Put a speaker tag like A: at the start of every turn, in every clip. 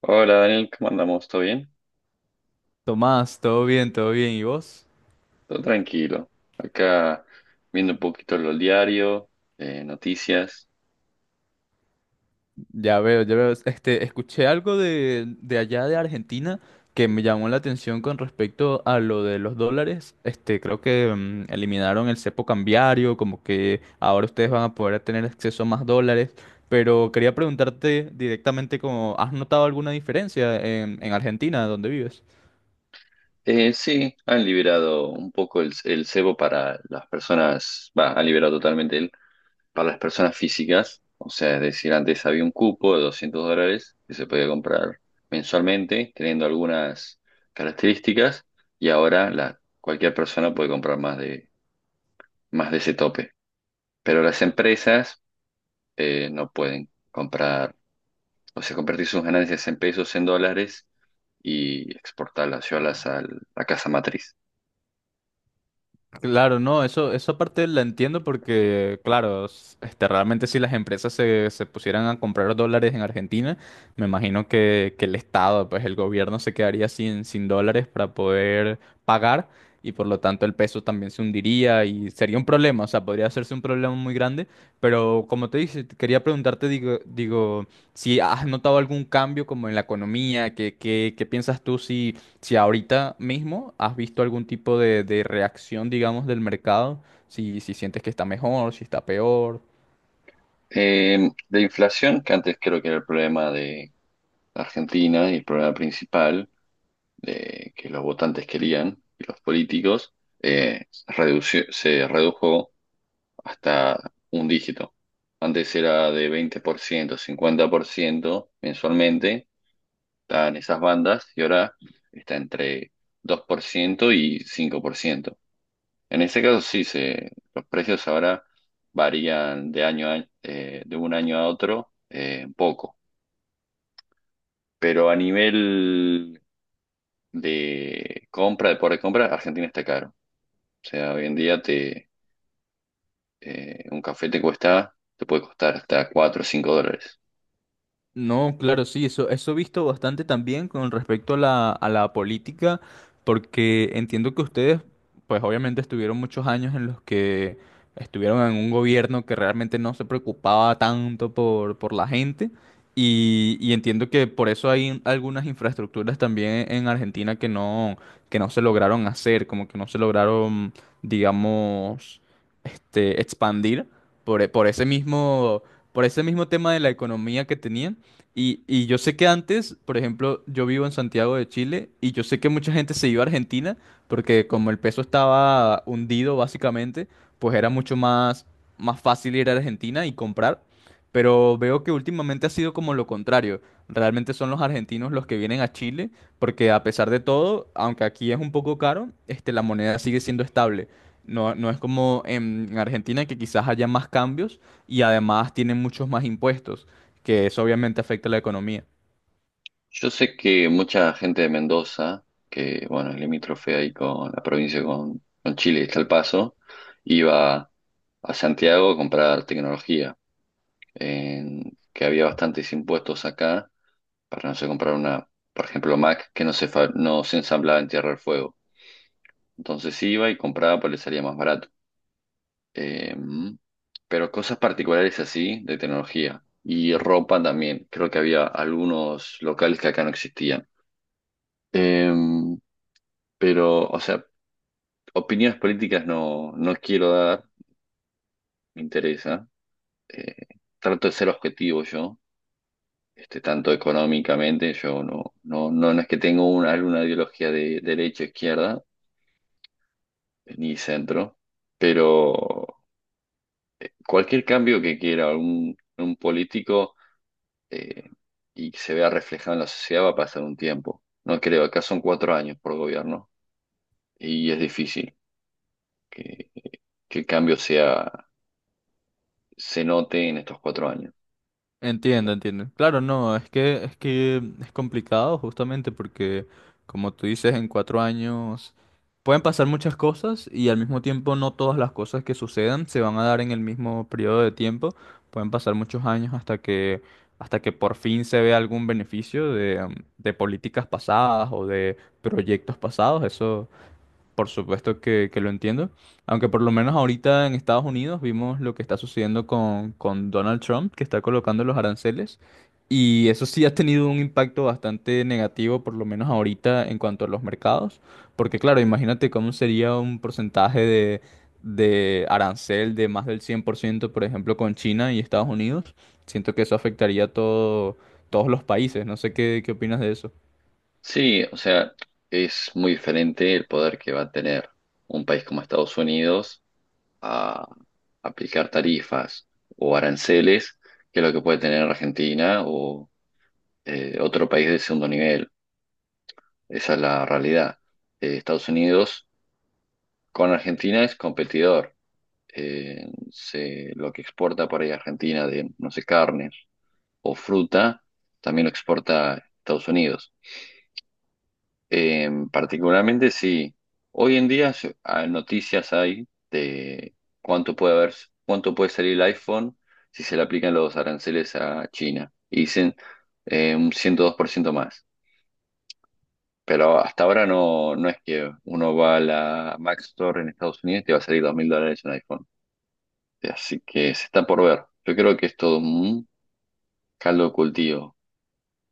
A: Hola Daniel, ¿cómo andamos? ¿Todo bien?
B: Tomás, todo bien, todo bien. ¿Y vos?
A: Todo tranquilo. Acá viendo un poquito los diarios, noticias.
B: Ya veo, ya veo. Escuché algo de allá de Argentina que me llamó la atención con respecto a lo de los dólares. Creo que eliminaron el cepo cambiario, como que ahora ustedes van a poder tener acceso a más dólares. Pero quería preguntarte directamente como, ¿has notado alguna diferencia en Argentina, donde vives?
A: Sí, han liberado un poco el cebo para las personas, va, han liberado totalmente el, para las personas físicas. O sea, es decir, antes había un cupo de $200 que se podía comprar mensualmente, teniendo algunas características, y ahora la, cualquier persona puede comprar más de ese tope. Pero las empresas no pueden comprar. O sea, convertir sus ganancias en pesos, en dólares y exportarlas, llevarlas a la casa matriz.
B: Claro, no, eso parte la entiendo porque, claro, realmente si las empresas se pusieran a comprar dólares en Argentina, me imagino que el Estado, pues el gobierno se quedaría sin dólares para poder pagar, y por lo tanto el peso también se hundiría y sería un problema, o sea, podría hacerse un problema muy grande. Pero como te dije, te quería preguntarte, digo, si has notado algún cambio como en la economía, ¿qué piensas tú si si ahorita mismo has visto algún tipo de reacción, digamos, del mercado, si sientes que está mejor, si está peor?
A: De inflación, que antes creo que era el problema de Argentina y el problema principal de que los votantes querían y los políticos, se redujo hasta un dígito. Antes era de 20%, 50% mensualmente, estaban esas bandas y ahora está entre 2% y 5%. En este caso sí, se, los precios ahora varían de año a año, de un año a otro un poco, pero a nivel de compra, de poder de compra, Argentina está caro. O sea, hoy en día te, un café te cuesta, te puede costar hasta 4 o 5 dólares.
B: No, claro, sí, eso he visto bastante también con respecto a a la política, porque entiendo que ustedes, pues obviamente estuvieron muchos años en los que estuvieron en un gobierno que realmente no se preocupaba tanto por la gente. Y entiendo que por eso hay algunas infraestructuras también en Argentina que no se lograron hacer, como que no se lograron, digamos, este, expandir por, por ese mismo, por ese mismo tema de la economía que tenían. Y yo sé que antes, por ejemplo, yo vivo en Santiago de Chile, y yo sé que mucha gente se iba a Argentina porque como el peso estaba hundido básicamente, pues era más fácil ir a Argentina y comprar. Pero veo que últimamente ha sido como lo contrario. Realmente son los argentinos los que vienen a Chile, porque a pesar de todo, aunque aquí es un poco caro, este, la moneda sigue siendo estable. No, no es como en Argentina, que quizás haya más cambios y además tienen muchos más impuestos, que eso obviamente afecta a la economía.
A: Yo sé que mucha gente de Mendoza, que bueno, es limítrofe ahí con la provincia, con Chile, está El Paso, iba a Santiago a comprar tecnología que había bastantes impuestos acá para no sé comprar una, por ejemplo, Mac que no se, no se ensamblaba en Tierra del Fuego. Entonces iba y compraba, pues le salía más barato. Eh, pero cosas particulares así de tecnología y ropa también. Creo que había algunos locales que acá no existían. Eh, pero, o sea, opiniones políticas no, no quiero dar, me interesa. Eh, trato de ser objetivo yo, este, tanto económicamente, yo no, no, no, no es que tengo una, alguna ideología de derecha, izquierda, ni centro, pero cualquier cambio que quiera un político eh, y que se vea reflejado en la sociedad va a pasar un tiempo. No creo, acá son 4 años por gobierno y es difícil que, que el cambio sea, se note en estos 4 años.
B: Entiendo, entiendo. Claro, no, es que es complicado justamente porque, como tú dices, en 4 años pueden pasar muchas cosas, y al mismo tiempo no todas las cosas que sucedan se van a dar en el mismo periodo de tiempo. Pueden pasar muchos años hasta que por fin se vea algún beneficio de políticas pasadas o de proyectos pasados. Eso. Por supuesto que lo entiendo, aunque por lo menos ahorita en Estados Unidos vimos lo que está sucediendo con Donald Trump, que está colocando los aranceles, y eso sí ha tenido un impacto bastante negativo, por lo menos ahorita en cuanto a los mercados, porque claro, imagínate cómo sería un porcentaje de arancel de más del 100%, por ciento, por ejemplo, con China y Estados Unidos. Siento que eso afectaría a todo, todos los países. No sé qué opinas de eso.
A: Sí, o sea, es muy diferente el poder que va a tener un país como Estados Unidos a aplicar tarifas o aranceles que lo que puede tener Argentina o otro país de segundo nivel. Esa es la realidad. Estados Unidos con Argentina es competidor. Lo que exporta por ahí Argentina de, no sé, carnes o fruta, también lo exporta Estados Unidos. Particularmente sí. Hoy en día noticias hay de cuánto puede haber, cuánto puede salir el iPhone si se le aplican los aranceles a China. Y dicen un 102% más. Pero hasta ahora no, no es que uno va a la Mac Store en Estados Unidos y te va a salir $2000 un iPhone. Así que se está por ver. Yo creo que es todo un caldo de cultivo.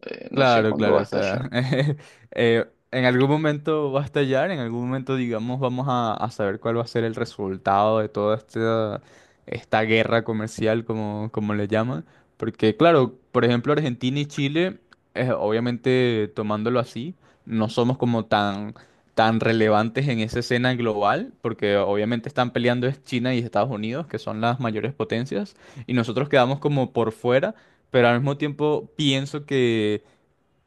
A: No sé
B: Claro,
A: cuándo
B: claro,
A: va a
B: o sea,
A: estallar.
B: eh, en algún momento va a estallar, en algún momento, digamos, vamos a saber cuál va a ser el resultado de toda esta, esta guerra comercial, como, como le llaman. Porque, claro, por ejemplo, Argentina y Chile, obviamente tomándolo así, no somos como tan relevantes en esa escena global, porque obviamente están peleando es China y Estados Unidos, que son las mayores potencias, y nosotros quedamos como por fuera. Pero al mismo tiempo pienso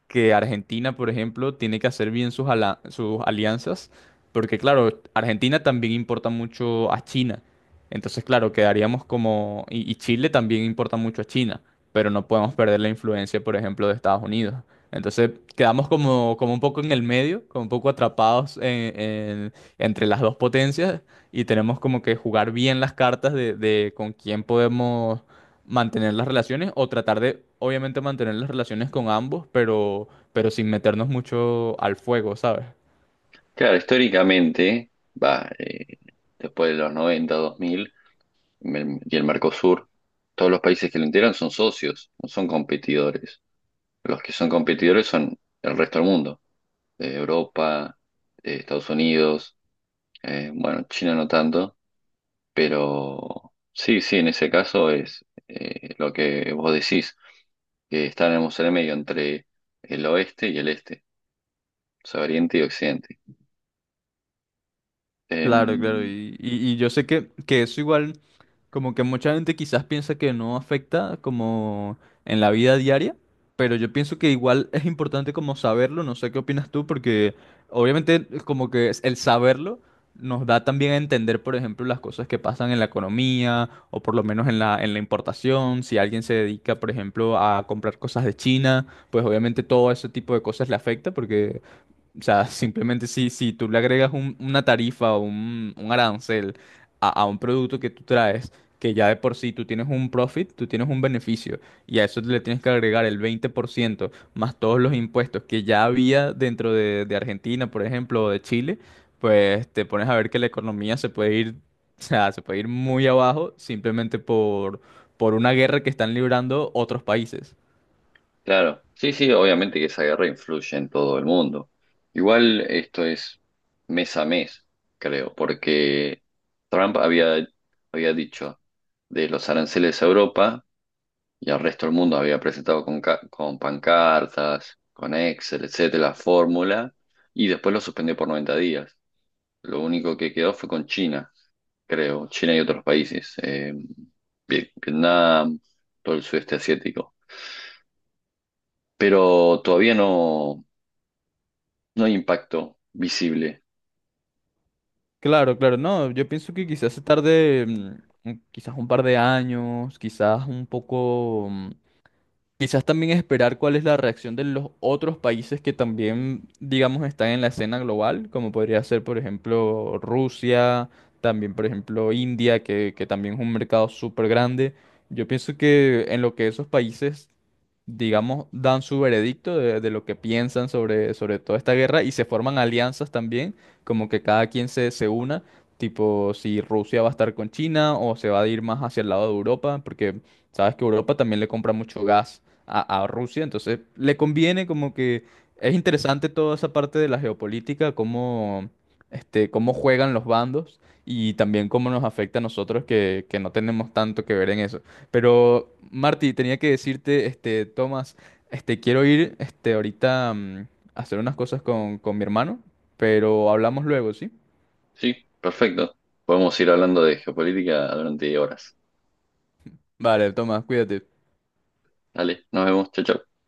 B: que Argentina, por ejemplo, tiene que hacer bien sus, sus alianzas, porque claro, Argentina también importa mucho a China. Entonces, claro, quedaríamos como... Y Chile también importa mucho a China, pero no podemos perder la influencia, por ejemplo, de Estados Unidos. Entonces, quedamos como, como un poco en el medio, como un poco atrapados entre las dos potencias, y tenemos como que jugar bien las cartas de con quién podemos mantener las relaciones, o tratar de, obviamente, mantener las relaciones con ambos, pero sin meternos mucho al fuego, ¿sabes?
A: Claro, históricamente, va, después de los 90, 2000. Y el Mercosur, todos los países que lo integran son socios, no son competidores. Los que son competidores son el resto del mundo, Europa, Estados Unidos, bueno, China no tanto, pero sí, sí, en ese caso es lo que vos decís, que estaremos en el medio entre el oeste y el este, o sea, oriente y occidente.
B: Claro, claro,
A: Em,
B: y yo sé que eso igual, como que mucha gente quizás piensa que no afecta como en la vida diaria, pero yo pienso que igual es importante como saberlo, no sé qué opinas tú, porque obviamente como que el saberlo nos da también a entender, por ejemplo, las cosas que pasan en la economía, o por lo menos en en la importación. Si alguien se dedica, por ejemplo, a comprar cosas de China, pues obviamente todo ese tipo de cosas le afecta porque, o sea, simplemente si tú le agregas una tarifa o un arancel a un producto que tú traes, que ya de por sí tú tienes un profit, tú tienes un beneficio, y a eso le tienes que agregar el 20% más todos los impuestos que ya había dentro de Argentina, por ejemplo, o de Chile, pues te pones a ver que la economía se puede ir, o sea, se puede ir muy abajo, simplemente por una guerra que están librando otros países.
A: Claro, sí, sí, obviamente que esa guerra influye en todo el mundo. Igual esto es mes a mes, creo, porque Trump había dicho de los aranceles a Europa y al resto del mundo, había presentado con, con pancartas, con Excel, etcétera, la fórmula, y después lo suspendió por 90 días. Lo único que quedó fue con China, creo, China y otros países, Vietnam, todo el sudeste asiático. Pero todavía no. No hay impacto visible.
B: Claro, claro, no, yo pienso que quizás se tarde, quizás un par de años, quizás un poco, quizás también esperar cuál es la reacción de los otros países que también, digamos, están en la escena global, como podría ser, por ejemplo, Rusia, también, por ejemplo, India, que también es un mercado súper grande. Yo pienso que en lo que esos países, digamos, dan su veredicto de lo que piensan sobre, sobre toda esta guerra, y se forman alianzas también, como que cada quien se una, tipo si Rusia va a estar con China o se va a ir más hacia el lado de Europa, porque sabes que Europa también le compra mucho gas a Rusia. Entonces le conviene como que es interesante toda esa parte de la geopolítica, cómo, este, cómo juegan los bandos, y también cómo nos afecta a nosotros que no tenemos tanto que ver en eso. Pero Marty, tenía que decirte, este, Tomás, este, quiero ir, este, ahorita a hacer unas cosas con mi hermano, pero hablamos luego, ¿sí?
A: Sí, perfecto. Podemos ir hablando de geopolítica durante horas.
B: Vale, Tomás, cuídate.
A: Dale, nos vemos. Chao, chao.